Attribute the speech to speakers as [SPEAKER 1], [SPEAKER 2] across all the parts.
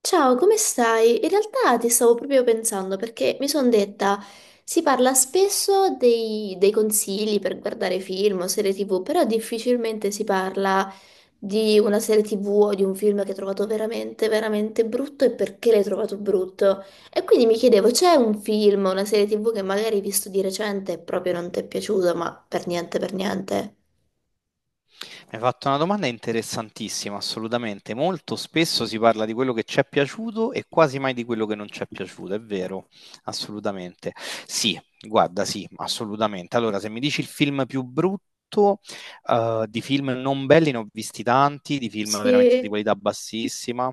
[SPEAKER 1] Ciao, come stai? In realtà ti stavo proprio pensando perché mi sono detta, si parla spesso dei consigli per guardare film o serie TV, però difficilmente si parla di una serie TV o di un film che hai trovato veramente, veramente brutto e perché l'hai trovato brutto. E quindi mi chiedevo, c'è un film o una serie TV che magari hai visto di recente e proprio non ti è piaciuto, ma per niente, per niente?
[SPEAKER 2] Mi hai fatto una domanda interessantissima, assolutamente. Molto spesso si parla di quello che ci è piaciuto e quasi mai di quello che non ci è piaciuto, è vero, assolutamente. Sì, guarda, sì, assolutamente. Allora, se mi dici il film più brutto, di film non belli ne ho visti tanti, di film veramente di
[SPEAKER 1] Sì.
[SPEAKER 2] qualità bassissima,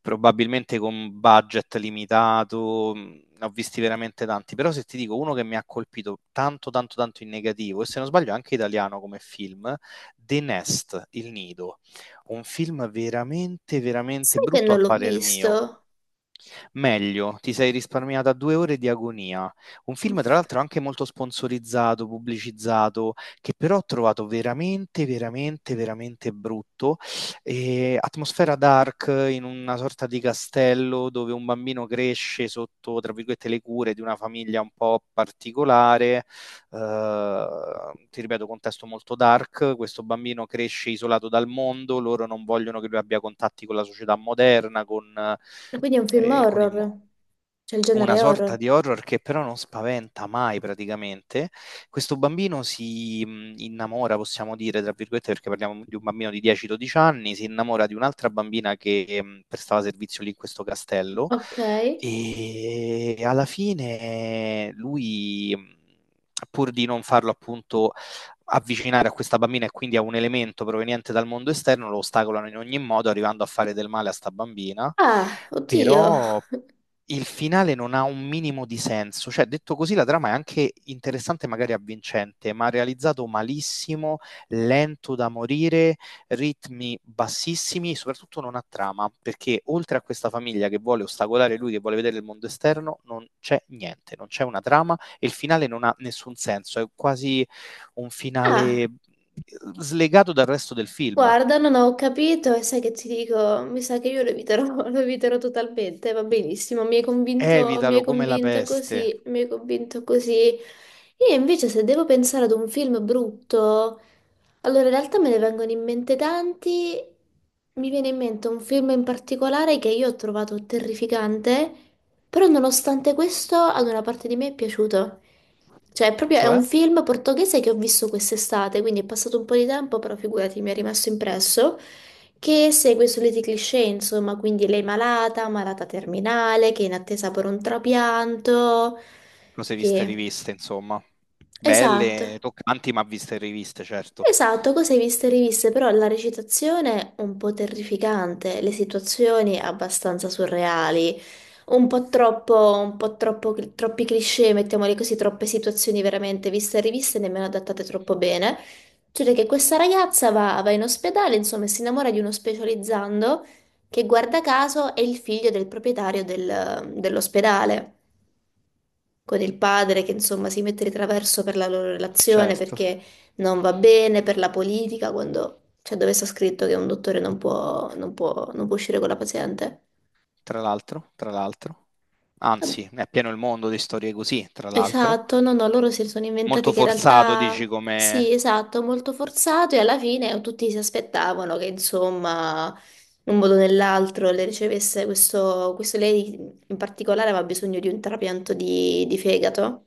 [SPEAKER 2] probabilmente con budget limitato, ne ho visti veramente tanti, però se ti dico uno che mi ha colpito tanto, tanto, tanto in negativo, e se non sbaglio è anche italiano come film, The Nest, Il Nido, un film veramente, veramente
[SPEAKER 1] Sai che
[SPEAKER 2] brutto
[SPEAKER 1] non
[SPEAKER 2] a
[SPEAKER 1] l'ho
[SPEAKER 2] parer mio,
[SPEAKER 1] visto?
[SPEAKER 2] Meglio, ti sei risparmiata 2 ore di agonia. Un film, tra l'altro, anche molto sponsorizzato, pubblicizzato, che però ho trovato veramente, veramente, veramente brutto. E atmosfera dark in una sorta di castello dove un bambino cresce sotto, tra virgolette, le cure di una famiglia un po' particolare. Eh, ti ripeto, contesto molto dark. Questo bambino cresce isolato dal mondo, loro non vogliono che lui abbia contatti con la società moderna. con eh,
[SPEAKER 1] Quindi è un film
[SPEAKER 2] eh, con il mo-
[SPEAKER 1] horror, c'è il
[SPEAKER 2] una
[SPEAKER 1] genere
[SPEAKER 2] sorta
[SPEAKER 1] horror.
[SPEAKER 2] di horror che però non spaventa mai praticamente. Questo bambino si innamora, possiamo dire, tra virgolette, perché parliamo di un bambino di 10-12 anni, si innamora di un'altra bambina che prestava servizio lì in questo castello
[SPEAKER 1] Ok.
[SPEAKER 2] e alla fine lui, pur di non farlo appunto avvicinare a questa bambina e quindi a un elemento proveniente dal mondo esterno, lo ostacolano in ogni modo, arrivando a fare del male a sta bambina.
[SPEAKER 1] Ah, oddio.
[SPEAKER 2] Però il finale non ha un minimo di senso. Cioè, detto così, la trama è anche interessante, magari avvincente, ma realizzato malissimo, lento da morire, ritmi bassissimi e soprattutto non ha trama, perché oltre a questa famiglia che vuole ostacolare lui, che vuole vedere il mondo esterno, non c'è niente, non c'è una trama e il finale non ha nessun senso. È quasi un finale
[SPEAKER 1] Ah,
[SPEAKER 2] slegato dal resto del film.
[SPEAKER 1] guarda, non ho capito e sai che ti dico, mi sa che io lo eviterò, lo eviterò totalmente, va benissimo, mi hai
[SPEAKER 2] Evitalo come la
[SPEAKER 1] convinto
[SPEAKER 2] peste.
[SPEAKER 1] così, mi hai convinto così. Io invece se devo pensare ad un film brutto, allora, in realtà me ne vengono in mente tanti. Mi viene in mente un film in particolare che io ho trovato terrificante, però nonostante questo ad una parte di me è piaciuto. Cioè, è proprio è
[SPEAKER 2] Cioè?
[SPEAKER 1] un film portoghese che ho visto quest'estate, quindi è passato un po' di tempo, però figurati, mi è rimasto impresso, che segue i soliti cliché, insomma, quindi lei malata, malata terminale, che è in attesa per un trapianto,
[SPEAKER 2] Cose viste e
[SPEAKER 1] che...
[SPEAKER 2] riviste, insomma.
[SPEAKER 1] Esatto.
[SPEAKER 2] Belle, toccanti, ma viste e riviste, certo.
[SPEAKER 1] Esatto, cose viste e riviste, però la recitazione un po' terrificante, le situazioni abbastanza surreali, un po' troppo, troppi cliché, mettiamoli così, troppe situazioni veramente viste e riviste, nemmeno adattate troppo bene. Cioè che questa ragazza va in ospedale, insomma, e si innamora di uno specializzando che guarda caso è il figlio del proprietario dell'ospedale con il padre che insomma si mette di traverso per la loro relazione
[SPEAKER 2] Certo.
[SPEAKER 1] perché non va bene, per la politica, quando cioè, dove sta scritto che un dottore non può, non può, non può uscire con la paziente.
[SPEAKER 2] Tra l'altro, tra l'altro.
[SPEAKER 1] Ah,
[SPEAKER 2] Anzi, è pieno il mondo di storie così, tra l'altro.
[SPEAKER 1] esatto, no, no, loro si sono
[SPEAKER 2] Molto
[SPEAKER 1] inventati che in
[SPEAKER 2] forzato,
[SPEAKER 1] realtà
[SPEAKER 2] dici
[SPEAKER 1] sì,
[SPEAKER 2] come...
[SPEAKER 1] esatto, molto forzato e alla fine tutti si aspettavano che insomma in un modo o nell'altro le ricevesse questo, lei in particolare aveva bisogno di un trapianto di fegato.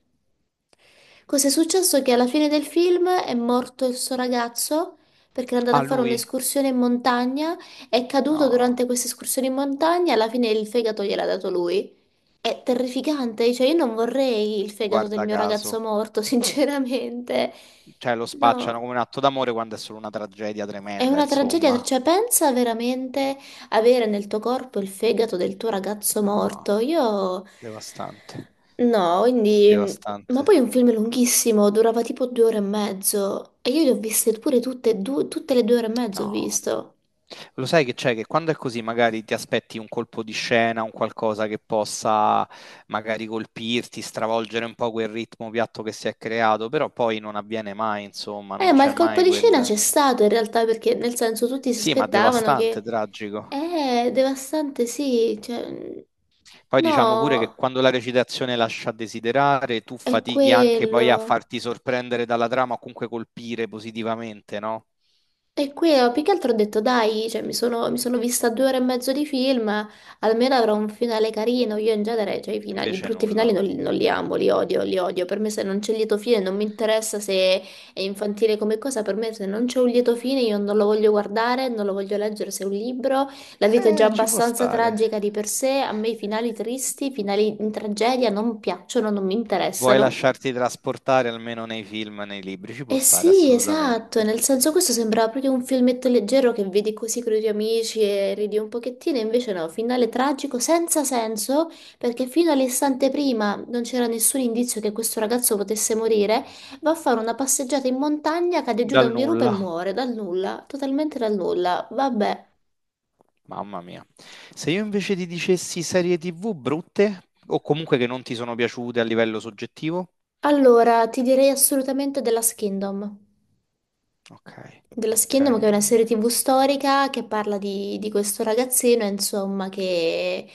[SPEAKER 1] Cos'è successo? Che alla fine del film è morto il suo ragazzo perché era andato a
[SPEAKER 2] Ah,
[SPEAKER 1] fare
[SPEAKER 2] lui?
[SPEAKER 1] un'escursione in montagna, è caduto durante
[SPEAKER 2] No,
[SPEAKER 1] questa escursione in montagna, alla fine il fegato gliel'ha dato lui. È terrificante, cioè io non vorrei il fegato del
[SPEAKER 2] guarda
[SPEAKER 1] mio ragazzo
[SPEAKER 2] caso.
[SPEAKER 1] morto, sinceramente.
[SPEAKER 2] Cioè, lo spacciano
[SPEAKER 1] No.
[SPEAKER 2] come un atto d'amore quando è solo una tragedia
[SPEAKER 1] È
[SPEAKER 2] tremenda,
[SPEAKER 1] una tragedia,
[SPEAKER 2] insomma.
[SPEAKER 1] cioè pensa veramente avere nel tuo corpo il fegato del tuo ragazzo morto.
[SPEAKER 2] No,
[SPEAKER 1] Io
[SPEAKER 2] devastante.
[SPEAKER 1] no, quindi ma
[SPEAKER 2] Devastante.
[SPEAKER 1] poi è un film lunghissimo, durava tipo 2 ore e mezzo e io li ho viste pure tutte e due, tutte le 2 ore e mezzo ho
[SPEAKER 2] No.
[SPEAKER 1] visto.
[SPEAKER 2] Lo sai che c'è che quando è così magari ti aspetti un colpo di scena, un qualcosa che possa magari colpirti, stravolgere un po' quel ritmo piatto che si è creato, però poi non avviene mai, insomma, non
[SPEAKER 1] Ma
[SPEAKER 2] c'è
[SPEAKER 1] il colpo
[SPEAKER 2] mai
[SPEAKER 1] di scena c'è
[SPEAKER 2] quel...
[SPEAKER 1] stato in realtà perché nel senso tutti si
[SPEAKER 2] Sì, ma
[SPEAKER 1] aspettavano
[SPEAKER 2] devastante,
[SPEAKER 1] che
[SPEAKER 2] tragico.
[SPEAKER 1] devastante sì, cioè
[SPEAKER 2] Poi diciamo pure che
[SPEAKER 1] no,
[SPEAKER 2] quando la recitazione lascia a desiderare, tu
[SPEAKER 1] è
[SPEAKER 2] fatichi anche poi a
[SPEAKER 1] quello.
[SPEAKER 2] farti sorprendere dalla trama o comunque colpire positivamente, no?
[SPEAKER 1] E qui più che altro ho detto dai, cioè, mi sono vista 2 ore e mezzo di film, almeno avrò un finale carino. Io in genere, cioè, i
[SPEAKER 2] Invece
[SPEAKER 1] brutti
[SPEAKER 2] nulla.
[SPEAKER 1] finali non li amo, li odio, li odio. Per me se non c'è il lieto fine non mi interessa se è infantile come cosa, per me se non c'è un lieto fine io non lo voglio guardare, non lo voglio leggere se è un libro. La vita è già
[SPEAKER 2] Ci può
[SPEAKER 1] abbastanza
[SPEAKER 2] stare.
[SPEAKER 1] tragica di per sé, a me i finali tristi, i finali in tragedia non piacciono, non mi
[SPEAKER 2] Vuoi
[SPEAKER 1] interessano.
[SPEAKER 2] lasciarti trasportare almeno nei film, nei libri, ci può
[SPEAKER 1] Eh
[SPEAKER 2] stare
[SPEAKER 1] sì, esatto,
[SPEAKER 2] assolutamente.
[SPEAKER 1] nel senso questo sembrava proprio un filmetto leggero che vedi così con i tuoi amici e ridi un pochettino, e invece no, finale tragico senza senso, perché fino all'istante prima non c'era nessun indizio che questo ragazzo potesse morire, va a fare una passeggiata in montagna, cade giù da
[SPEAKER 2] Dal
[SPEAKER 1] un dirupo e
[SPEAKER 2] nulla,
[SPEAKER 1] muore, dal nulla, totalmente dal nulla. Vabbè,
[SPEAKER 2] mamma mia. Se io invece ti dicessi serie TV brutte o comunque che non ti sono piaciute a livello soggettivo?
[SPEAKER 1] allora ti direi assolutamente della Last Kingdom.
[SPEAKER 2] Ok,
[SPEAKER 1] Dello
[SPEAKER 2] ok.
[SPEAKER 1] Kingdom, che è una serie TV storica che parla di questo ragazzino, insomma, che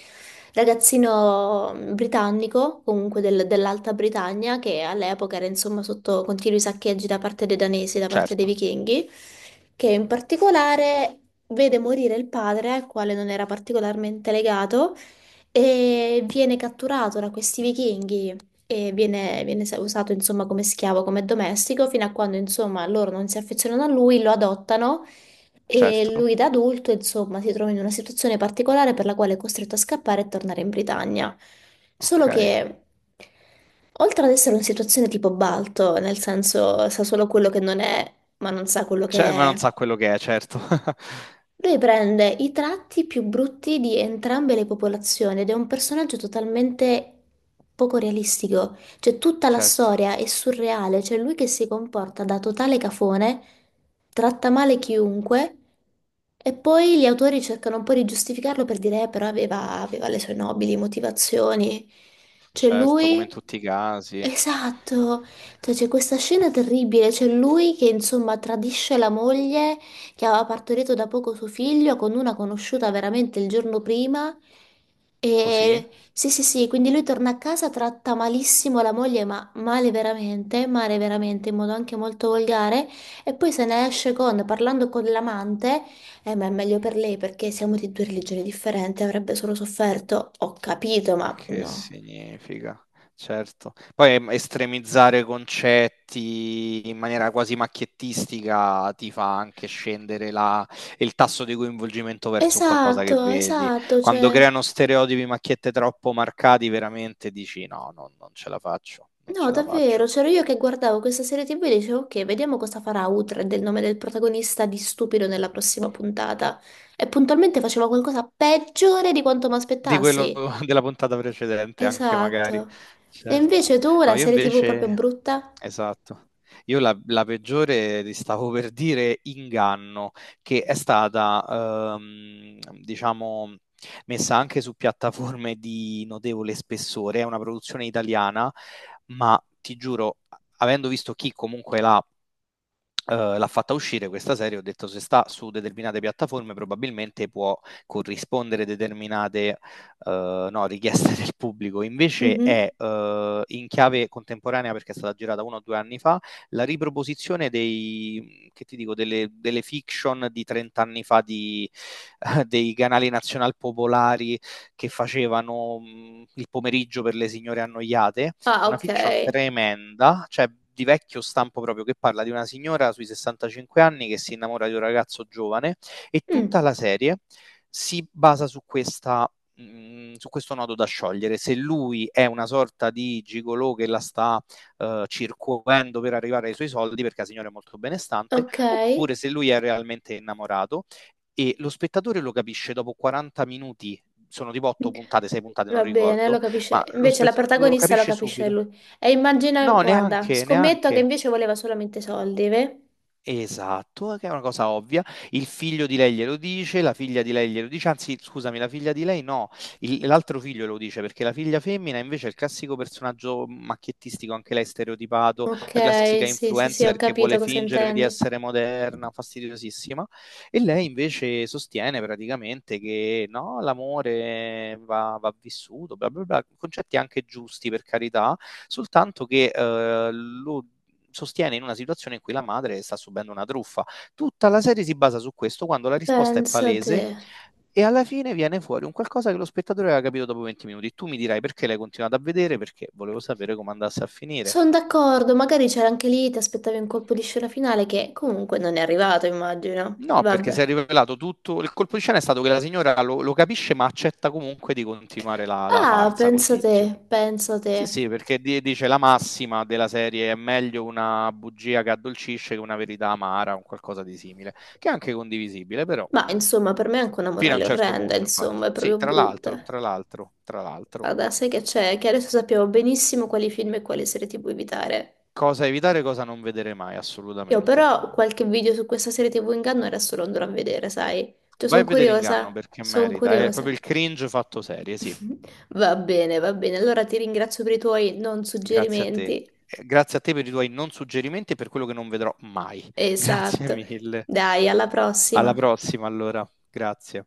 [SPEAKER 1] ragazzino britannico, comunque dell'Alta Britannia, che all'epoca era insomma sotto continui saccheggi da parte dei danesi, da parte dei
[SPEAKER 2] Certo,
[SPEAKER 1] vichinghi, che in particolare vede morire il padre, al quale non era particolarmente legato, e viene catturato da questi vichinghi e viene usato insomma come schiavo, come domestico, fino a quando insomma loro non si affezionano a lui, lo adottano e
[SPEAKER 2] certo.
[SPEAKER 1] lui da adulto insomma si trova in una situazione particolare per la quale è costretto a scappare e tornare in Britannia. Solo
[SPEAKER 2] Ok.
[SPEAKER 1] che oltre ad essere una situazione tipo Balto, nel senso sa solo quello che non è, ma non sa quello che
[SPEAKER 2] Cioè, ma non
[SPEAKER 1] è.
[SPEAKER 2] sa quello che è, certo.
[SPEAKER 1] Lui prende i tratti più brutti di entrambe le popolazioni ed è un personaggio totalmente poco realistico. Cioè, tutta la
[SPEAKER 2] Certo,
[SPEAKER 1] storia è surreale. C'è lui che si comporta da totale cafone, tratta male chiunque, e poi gli autori cercano un po' di giustificarlo per dire, però aveva le sue nobili motivazioni. Cioè,
[SPEAKER 2] certo, come in
[SPEAKER 1] lui.
[SPEAKER 2] tutti i casi.
[SPEAKER 1] Esatto, cioè, c'è questa scena terribile, c'è lui che insomma tradisce la moglie che aveva partorito da poco suo figlio con una conosciuta veramente il giorno prima.
[SPEAKER 2] Così?
[SPEAKER 1] E sì, sì, sì, quindi lui torna a casa, tratta malissimo la moglie, ma male veramente, in modo anche molto volgare, e poi se ne esce con, parlando con l'amante, ma è meglio per lei perché siamo di due religioni differenti, avrebbe solo sofferto. Ho capito,
[SPEAKER 2] Ma
[SPEAKER 1] ma
[SPEAKER 2] che
[SPEAKER 1] no.
[SPEAKER 2] significa? Certo. Poi estremizzare concetti in maniera quasi macchiettistica ti fa anche scendere il tasso di coinvolgimento verso un qualcosa che
[SPEAKER 1] Esatto,
[SPEAKER 2] vedi.
[SPEAKER 1] esatto,
[SPEAKER 2] Quando
[SPEAKER 1] cioè.
[SPEAKER 2] creano stereotipi, macchiette troppo marcati, veramente dici no, no, non ce la faccio, non
[SPEAKER 1] No,
[SPEAKER 2] ce la
[SPEAKER 1] davvero,
[SPEAKER 2] faccio.
[SPEAKER 1] c'ero io che guardavo questa serie TV e dicevo, ok, vediamo cosa farà Uhtred, il nome del protagonista di stupido nella prossima puntata. E puntualmente faceva qualcosa peggiore di quanto mi
[SPEAKER 2] Di quello
[SPEAKER 1] aspettassi.
[SPEAKER 2] della puntata precedente, anche magari,
[SPEAKER 1] Esatto. E
[SPEAKER 2] certo.
[SPEAKER 1] invece tu,
[SPEAKER 2] No,
[SPEAKER 1] la
[SPEAKER 2] io
[SPEAKER 1] serie TV proprio
[SPEAKER 2] invece,
[SPEAKER 1] brutta?
[SPEAKER 2] esatto, io la peggiore, ti stavo per dire, Inganno, che è stata, diciamo, messa anche su piattaforme di notevole spessore, è una produzione italiana, ma ti giuro, avendo visto chi comunque l'ha fatta uscire questa serie, ho detto se sta su determinate piattaforme probabilmente può corrispondere determinate no, richieste del pubblico, invece
[SPEAKER 1] Mhm.
[SPEAKER 2] è in chiave contemporanea perché è stata girata 1 o 2 anni fa, la riproposizione che ti dico, delle fiction di 30 anni fa di, dei canali nazional popolari che facevano il pomeriggio per le signore annoiate
[SPEAKER 1] Ah,
[SPEAKER 2] una
[SPEAKER 1] ok.
[SPEAKER 2] fiction tremenda, cioè di vecchio stampo proprio, che parla di una signora sui 65 anni che si innamora di un ragazzo giovane e tutta
[SPEAKER 1] Mm,
[SPEAKER 2] la serie si basa su questo nodo da sciogliere, se lui è una sorta di gigolò che la sta circuendo per arrivare ai suoi soldi perché la signora è molto benestante,
[SPEAKER 1] ok.
[SPEAKER 2] oppure se lui è realmente innamorato e lo spettatore lo capisce dopo 40 minuti, sono tipo 8 puntate, 6 puntate, non
[SPEAKER 1] Va bene, lo
[SPEAKER 2] ricordo,
[SPEAKER 1] capisce.
[SPEAKER 2] ma lo,
[SPEAKER 1] Invece
[SPEAKER 2] spe-
[SPEAKER 1] la
[SPEAKER 2] lo
[SPEAKER 1] protagonista lo
[SPEAKER 2] capisce
[SPEAKER 1] capisce
[SPEAKER 2] subito.
[SPEAKER 1] lui. E immagina,
[SPEAKER 2] No,
[SPEAKER 1] guarda,
[SPEAKER 2] neanche,
[SPEAKER 1] scommetto che
[SPEAKER 2] neanche.
[SPEAKER 1] invece voleva solamente soldi, ve?
[SPEAKER 2] Esatto, che è una cosa ovvia. Il figlio di lei glielo dice, la figlia di lei glielo dice, anzi, scusami, la figlia di lei no, l'altro figlio lo dice perché la figlia femmina invece è il classico personaggio macchiettistico, anche lei stereotipato,
[SPEAKER 1] Ok,
[SPEAKER 2] la classica
[SPEAKER 1] sì, sì, sì, ho
[SPEAKER 2] influencer che vuole
[SPEAKER 1] capito cosa
[SPEAKER 2] fingere di
[SPEAKER 1] intendi.
[SPEAKER 2] essere moderna, fastidiosissima. E lei invece sostiene praticamente che no, l'amore va vissuto, bla bla bla, concetti anche giusti per carità, soltanto che lo sostiene in una situazione in cui la madre sta subendo una truffa. Tutta la serie si basa su questo quando la risposta è
[SPEAKER 1] Pensa te.
[SPEAKER 2] palese e alla fine viene fuori un qualcosa che lo spettatore aveva capito dopo 20 minuti. Tu mi dirai perché l'hai continuato a vedere, perché volevo sapere come andasse a finire.
[SPEAKER 1] Sono d'accordo, magari c'era anche lì, ti aspettavi un colpo di scena finale che comunque non è arrivato, immagino.
[SPEAKER 2] No, perché si
[SPEAKER 1] Vabbè.
[SPEAKER 2] è rivelato tutto. Il colpo di scena è stato che la signora lo capisce, ma accetta comunque di continuare la
[SPEAKER 1] Ah,
[SPEAKER 2] farsa col
[SPEAKER 1] pensa te,
[SPEAKER 2] tizio.
[SPEAKER 1] pensa te.
[SPEAKER 2] Sì, sì, perché dice la massima della serie è meglio una bugia che addolcisce che una verità amara, un qualcosa di simile, che è anche condivisibile, però
[SPEAKER 1] Ma insomma, per me è anche una
[SPEAKER 2] fino a un
[SPEAKER 1] morale
[SPEAKER 2] certo
[SPEAKER 1] orrenda,
[SPEAKER 2] punto, infatti.
[SPEAKER 1] insomma, è
[SPEAKER 2] Sì,
[SPEAKER 1] proprio
[SPEAKER 2] tra l'altro,
[SPEAKER 1] brutta.
[SPEAKER 2] tra l'altro, tra l'altro,
[SPEAKER 1] Guarda, sai che c'è? Che adesso sappiamo benissimo quali film e quali serie TV evitare.
[SPEAKER 2] cosa evitare, cosa non vedere mai,
[SPEAKER 1] Io
[SPEAKER 2] assolutamente.
[SPEAKER 1] però qualche video su questa serie TV inganno adesso lo andrò a vedere, sai? Cioè,
[SPEAKER 2] Vai
[SPEAKER 1] sono
[SPEAKER 2] a vedere Inganno
[SPEAKER 1] curiosa,
[SPEAKER 2] perché
[SPEAKER 1] sono
[SPEAKER 2] merita, è
[SPEAKER 1] curiosa.
[SPEAKER 2] proprio il cringe fatto serie, sì.
[SPEAKER 1] Va bene, va bene. Allora ti ringrazio per i tuoi non
[SPEAKER 2] Grazie a te.
[SPEAKER 1] suggerimenti.
[SPEAKER 2] Grazie a te per i tuoi non suggerimenti e per quello che non vedrò mai. Grazie
[SPEAKER 1] Esatto.
[SPEAKER 2] mille.
[SPEAKER 1] Dai, alla
[SPEAKER 2] Alla
[SPEAKER 1] prossima.
[SPEAKER 2] prossima, allora. Grazie.